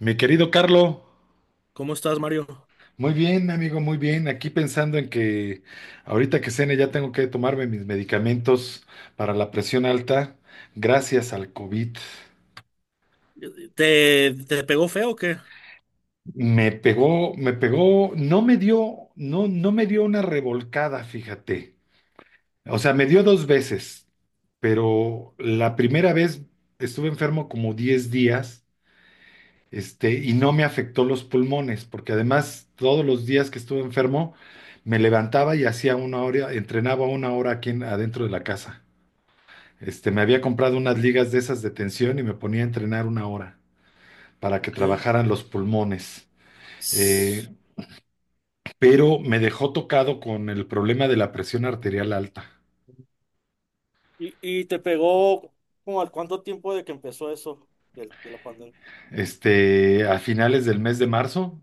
Mi querido Carlo, ¿Cómo estás, Mario? muy bien, amigo, muy bien. Aquí pensando en que ahorita que cene ya tengo que tomarme mis medicamentos para la presión alta, gracias al COVID. ¿Te pegó feo o qué? Me pegó, no me dio, no, no me dio una revolcada, fíjate. O sea, me dio dos veces, pero la primera vez estuve enfermo como 10 días y no me afectó los pulmones, porque además todos los días que estuve enfermo me levantaba y hacía una hora, entrenaba una hora aquí adentro de la casa. Me había comprado unas ligas de esas de tensión y me ponía a entrenar una hora para que Ok. trabajaran los pulmones. Eh, S- pero me dejó tocado con el problema de la presión arterial alta. ¿Y, y te pegó como al cuánto tiempo de que empezó eso, del- de la pandemia? A finales del mes de marzo,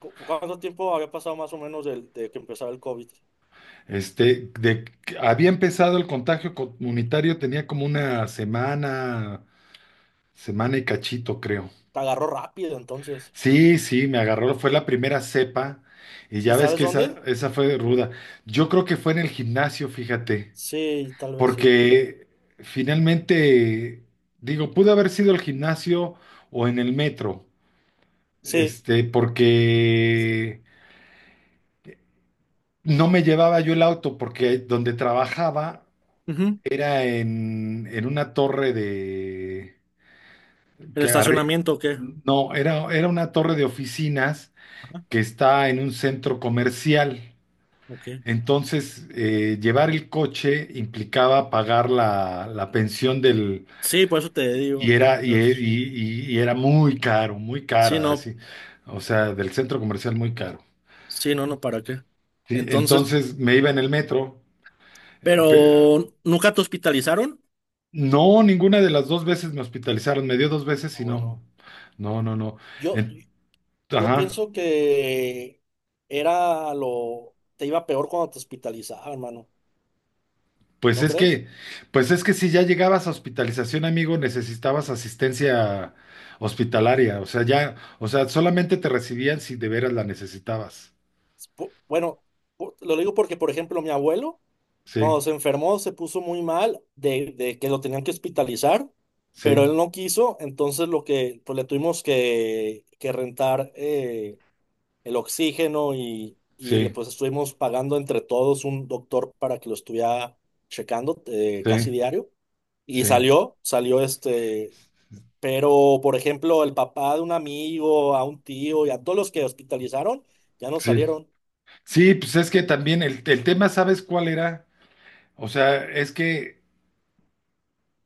¿Cu- ¿Cuánto tiempo había pasado más o menos del- de, que empezara el COVID? este, de, había empezado el contagio comunitario, tenía como una semana, semana y cachito, creo. Te agarró rápido entonces. Sí, sí, me agarró, fue la primera cepa y ¿Y ya ves sabes que dónde? esa fue ruda. Yo creo que fue en el gimnasio, fíjate, Sí, tal vez sí. porque finalmente, digo, pudo haber sido el gimnasio o en el metro, Sí, porque no me llevaba yo el auto, porque donde trabajaba ujú. era en una torre de, ¿El que arri- estacionamiento o qué? no, era una torre de oficinas que está en un centro comercial. Ok. Entonces, llevar el coche implicaba pagar la pensión del... Sí, por eso te digo. Y Ujú, era, y, y- pues, y- y era muy caro, muy sí, cara, no. así. O sea, del centro comercial muy caro. Sí, no, no, ¿para qué? ¿Sí? Entonces, Entonces me iba en el metro. eh, pe- pero ¿nunca te hospitalizaron? no, ninguna de las dos veces me hospitalizaron. Me dio dos veces Ah, y no. bueno. No, no, no. Yo, En- Yo ajá. pienso que era lo, te iba peor cuando te hospitalizaban, hermano, Pues ¿no es crees? que, pues es que si ya llegabas a hospitalización, amigo, necesitabas asistencia hospitalaria. O sea, ya, o sea, solamente te recibían si de veras la necesitabas. Pu- bueno, pu- lo digo porque, por ejemplo, mi abuelo, cuando Sí, se enfermó, se puso muy mal de que lo tenían que hospitalizar, pero sí, él no quiso, entonces lo que, pues le tuvimos que rentar el oxígeno y le sí, pues estuvimos pagando entre todos un doctor para que lo estuviera checando sí, casi diario. Y sí, salió, salió este, pero, por ejemplo, el papá de un amigo, a un tío y a todos los que hospitalizaron, ya no sí. salieron. Sí, pues es que también el tema, ¿sabes cuál era? O sea, es que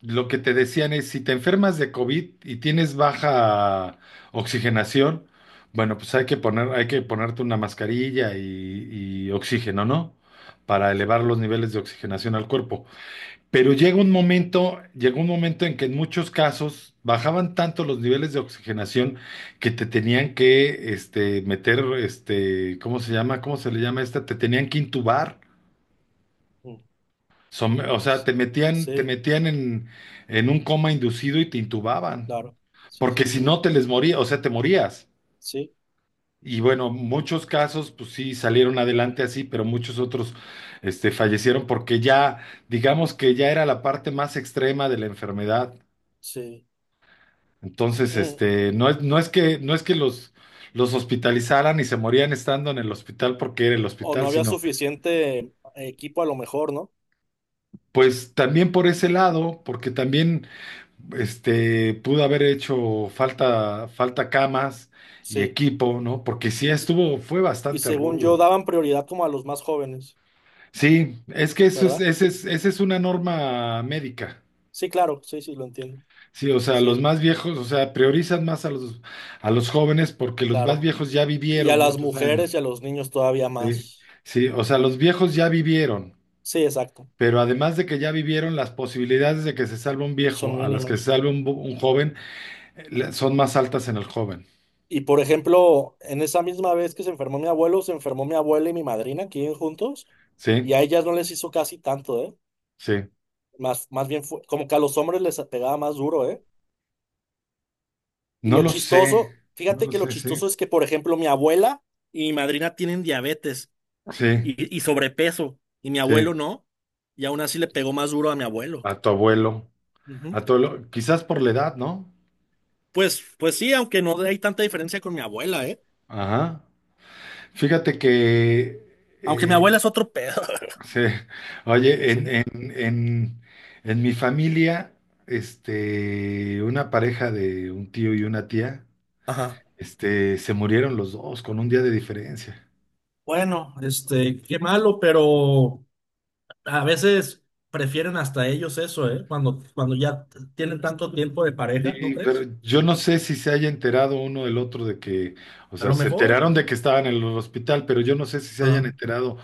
lo que te decían es, si te enfermas de COVID y tienes baja oxigenación, bueno, pues hay que poner, hay que ponerte una mascarilla y oxígeno, ¿no? Para elevar Sí. los niveles de oxigenación al cuerpo. Pero llegó un momento en que en muchos casos bajaban tanto los niveles de oxigenación que te tenían que meter, ¿cómo se llama? ¿Cómo se le llama esta? Te tenían que intubar. Mm. O sea, Sí, te sí, metían en un coma inducido y te intubaban, claro. Sí, porque sí, si sí. no te les moría, o sea, te morías. Sí, Y bueno, muchos casos, pues sí, salieron adelante así, pero muchos otros, fallecieron porque ya, digamos que ya era la parte más extrema de la enfermedad. sí. Entonces, Mm. No es que los hospitalizaran y se morían estando en el hospital porque era el O no hospital, había sino, suficiente equipo a lo mejor, ¿no? pues también por ese lado, porque también pudo haber hecho falta, falta camas y Sí. equipo, ¿no? Porque sí estuvo, fue Y bastante según yo, rudo. daban prioridad como a los más jóvenes, Sí, es que eso es, ¿verdad? ese es, esa es una norma médica. Sí, claro. Sí, sí, lo entiendo. Sí, o sea, los Sí, más viejos, o sea, priorizan más a a los jóvenes porque los más claro. viejos ya Y a vivieron las muchos mujeres años. y a los niños todavía Sí, más. sí, o sea, los viejos ya vivieron, Sí, exacto. pero además de que ya vivieron, las posibilidades de que se salve un viejo Son a las que mínimas. se salve un joven son más altas en el joven. Y por ejemplo, en esa misma vez que se enfermó mi abuelo, se enfermó mi abuela y mi madrina, que viven juntos, y Sí, a ellas no les hizo casi tanto, ¿eh? sí. Más, más bien fue como que a los hombres les pegaba más duro, ¿eh? Y No lo lo sé, chistoso, no fíjate lo que lo sé, sí, chistoso es que, por ejemplo, mi abuela y mi madrina tienen diabetes sí, y sobrepeso, y mi abuelo sí, no, y aún así le pegó más duro a mi abuelo. a tu abuelo, Ujú. a tu abuelo, quizás por la edad, ¿no? Pues, pues sí, aunque no hay tanta diferencia con mi abuela, ¿eh? Ajá. Fíjate que, Aunque mi abuela es otro pedo. sí, oye, Sí. En mi familia, una pareja de un tío y una tía, Ajá. Se murieron los dos con un día de diferencia. Bueno, este, qué malo, pero a veces prefieren hasta ellos eso, ¿eh? Cuando, cuando ya tienen tanto tiempo de pareja, ¿no Sí, pero crees? yo no sé si se haya enterado uno del otro de que, o A sea, lo se mejor, enteraron de que estaban en el hospital, pero yo no sé si se hayan ah, enterado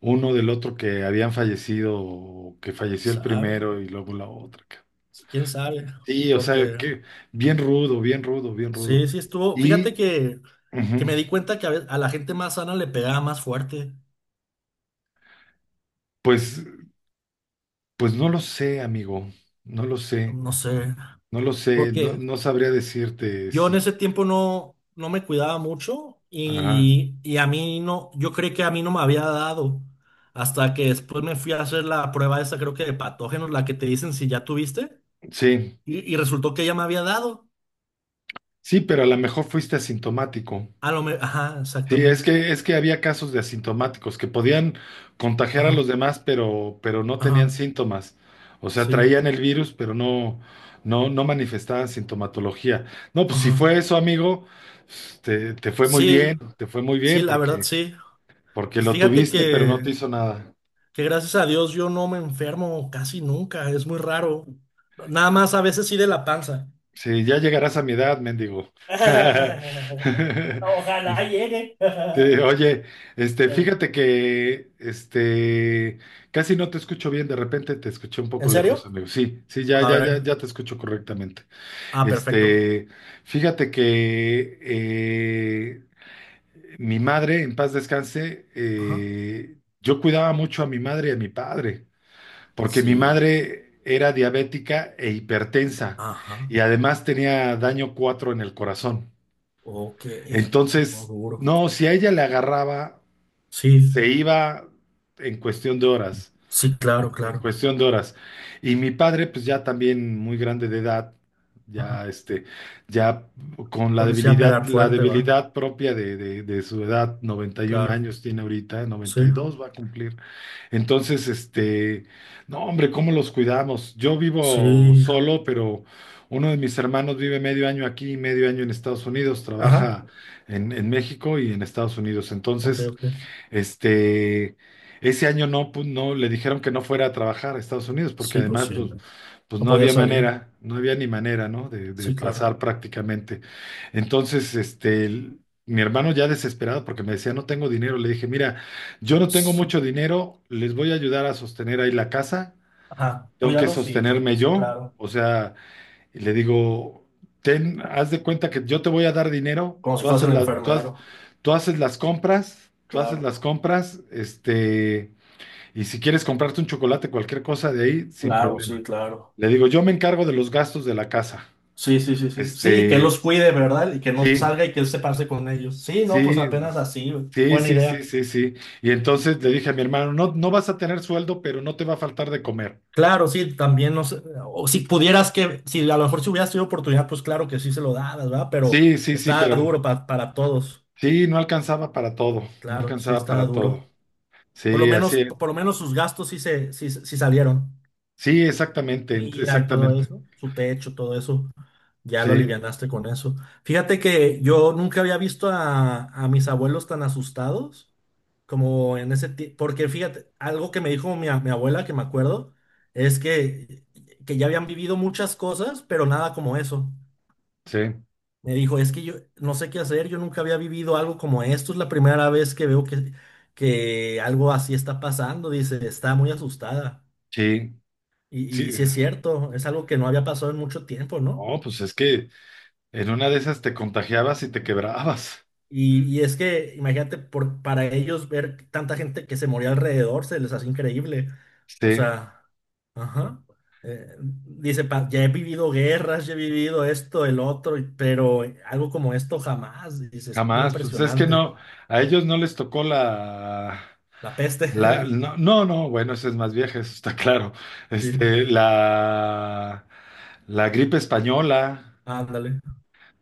uno del otro que habían fallecido, o que falleció el sabe, primero y luego la otra. Quién sabe, Sí, o sea, porque que bien rudo, bien rudo, bien rudo. sí, sí estuvo. Y Fíjate que ujú, me di cuenta que a, ve- a la gente más sana le pegaba más fuerte, pues, pues no lo sé, amigo, no lo sé, no sé, no lo sé, no, porque no sabría decirte yo en si. ese tiempo no, no me cuidaba mucho Ajá, y a mí no, yo creí que a mí no me había dado hasta que después me fui a hacer la prueba esa, creo que de patógenos, la que te dicen si ya tuviste sí, y resultó que ya me había dado. sí, pero a lo mejor fuiste asintomático. A lo me, ajá, Sí, exactamente. Es que había casos de asintomáticos que podían contagiar a los Ajá, demás, pero no tenían ajá, síntomas. O sea, sí, traían el virus, pero no, no, no manifestaban sintomatología. No, pues si fue ajá. eso, amigo, pues, te fue muy Sí, bien, te fue muy sí, bien la verdad porque, sí. porque lo Fíjate tuviste, pero no te hizo nada. que gracias a Dios yo no me enfermo casi nunca, es muy raro. Nada más a veces sí de la panza. Sí, ya llegarás a mi edad, mendigo. Ojalá Este, llegue. Sí, oye, este, Eu. fíjate que, este, casi no te escucho bien, de repente te escuché un poco ¿En lejos, serio? amigo. Sí, sí, ya, A ya, ya, ver. ya te escucho correctamente. Ah, perfecto. Este, fíjate que mi madre, en paz descanse, Ajá. Yo cuidaba mucho a mi madre y a mi padre, porque mi Sí. madre era diabética e hipertensa Ajá. y además tenía daño 4 en el corazón. Ok. No, Entonces, duro. no, si a ella le agarraba Sí. se iba en cuestión de horas, Sí, claro, en claro. cuestión de horas. Y mi padre, pues ya también muy grande de edad, Ajá. ya este, ya con Pues les a pegar la fuerte, ¿va? debilidad propia de su edad, 91 Claro. años tiene ahorita, Sí. 92 va a cumplir. Entonces, no, hombre, ¿cómo los cuidamos? Yo vivo Sí. solo, pero uno de mis hermanos vive medio año aquí y medio año en Estados Unidos, Ajá. trabaja en México y en Estados Unidos. Ok, Entonces, ok. este, ese año no, no le dijeron que no fuera a trabajar a Estados Unidos, porque Sí, pues además, sí. pues, No pues no podía había salir. manera, no había ni manera, ¿no? De Sí, claro. pasar prácticamente. Entonces, mi hermano ya desesperado, porque me decía, no tengo dinero, le dije, mira, yo no tengo Sí. mucho dinero, les voy a ayudar a sostener ahí la casa, Ajá. tengo que Cuídalo, sí. sostenerme Sí, yo, claro. o sea. Y le digo, ten, haz de cuenta que yo te voy a dar dinero, Como si fuese el enfermero. tú haces las compras, Claro. Y si quieres comprarte un chocolate, cualquier cosa de ahí, sin Claro, sí, problema. claro. Le digo, yo me encargo de los gastos de la casa. Sí, sí, sí, sí. Sí, que Este, los cuide, ¿verdad? Y que no sí, salga y que él se pase con ellos. Sí, no, pues sí, apenas así, güey. sí, Buena sí, sí, idea. sí, sí. Y entonces le dije a mi hermano, no, no vas a tener sueldo, pero no te va a faltar de comer. Claro, sí, también no sé, o si pudieras que, si a lo mejor si hubieras tenido oportunidad, pues claro que sí se lo dabas, ¿verdad? Pero Sí, sí, sí, está pero duro pa- para todos. sí, no alcanzaba para todo, no Claro, sí alcanzaba está para todo. duro. Sí, así es. Por lo menos sus gastos sí se, sí, sí salieron. Sí, exactamente, Mira y todo exactamente. eso, su techo, todo eso. Ya lo Sí, alivianaste con eso. Fíjate que yo nunca había visto a mis abuelos tan asustados como en ese tiempo. Porque fíjate, algo que me dijo mi, a- mi abuela, que me acuerdo, es que ya habían vivido muchas cosas, pero nada como eso. sí, Me dijo, es que yo no sé qué hacer, yo nunca había vivido algo como esto, es la primera vez que veo que algo así está pasando. Dice, está muy asustada. sí, Y sí. sí es cierto, es algo que no había pasado en mucho tiempo, ¿no? Oh, pues es que en una de esas te contagiabas y te quebrabas. Y es que, imagínate, por, para ellos ver tanta gente que se moría alrededor se les hace increíble. O Sí, sea, ajá. Dice, "Pa- ya he vivido guerras, ya he vivido esto, el otro, y- pero algo como esto jamás. Dice, es muy jamás. Pues es que impresionante. no, a ellos no les tocó la, La peste. la, no, no, no, bueno, ese es más vieja, eso está claro. Sí, Este, la, la gripe española, ándale.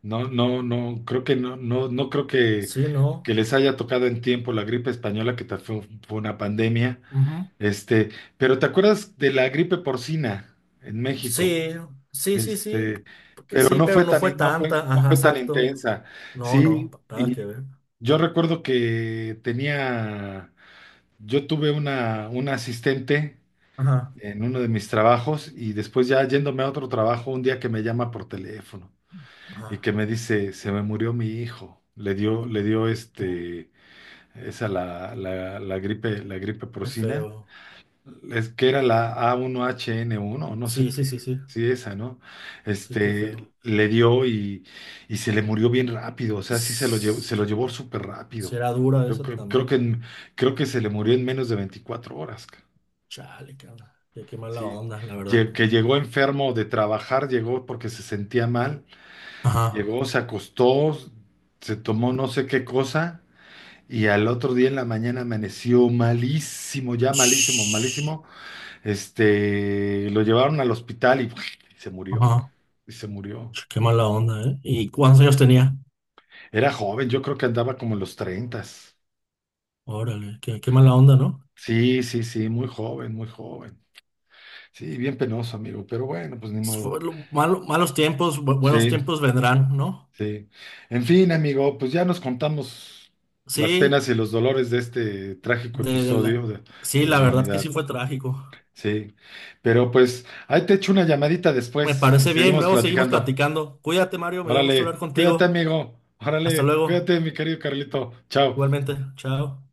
no, no, no, creo que no, no, no creo Sí, ¿no? que les haya tocado en tiempo la gripe española, fue fue una pandemia. Ujú. Este, pero ¿te acuerdas de la gripe porcina en México? Sí, sí, sí, sí. Este, Porque pero sí, no fue pero no tan, fue no fue, tanta. no Ajá, fue tan exacto. intensa. No, no, Sí, nada y que ver. yo recuerdo yo tuve una asistente Ajá, en uno de mis trabajos y después ya yéndome a otro trabajo, un día que me llama por teléfono y que ajá. me dice, se me murió mi hijo. Le dio Uh, esa la gripe qué porcina. feo. Es que era la A1HN1, no sé Sí, qué, sí, sí, sí. sí, esa, ¿no? Sí, qué feo. Le dio y se le murió bien rápido, o sea, sí se lo Ss, llevó súper rápido. será dura eso Creo también, que, ¿verdad? Creo que se le murió en menos de 24 horas, Chale, cabrón. Qué, qué mala ¿sí? onda, la verdad. Que llegó enfermo de trabajar, llegó porque se sentía mal, Ajá. llegó, se acostó, se tomó no sé qué cosa. Y al otro día en la mañana amaneció malísimo, ya malísimo, Shhh. malísimo, lo llevaron al hospital y, se murió, Ajá. y se murió. Ch, qué mala onda, ¿eh? ¿Y cuántos años tenía? Era joven, yo creo que andaba como en los treintas. Órale, qué, qué mala onda, ¿no? Sí, sí, sí, muy joven, muy joven. Sí, bien penoso, amigo, pero bueno, pues ni modo. Fue lo- malo- malos tiempos, bu- buenos Sí, tiempos vendrán, ¿no? sí. En fin, amigo, pues ya nos contamos las Sí, penas y los dolores de este trágico de episodio la, sí, de la la verdad que sí humanidad. fue trágico. Sí, pero pues ahí te echo una llamadita Me después y parece bien, seguimos luego seguimos platicando. platicando. Cuídate, Mario, me dio gusto hablar Órale, cuídate, contigo. amigo. Hasta Órale, luego, cuídate, mi querido Carlito. Chao. igualmente, chao.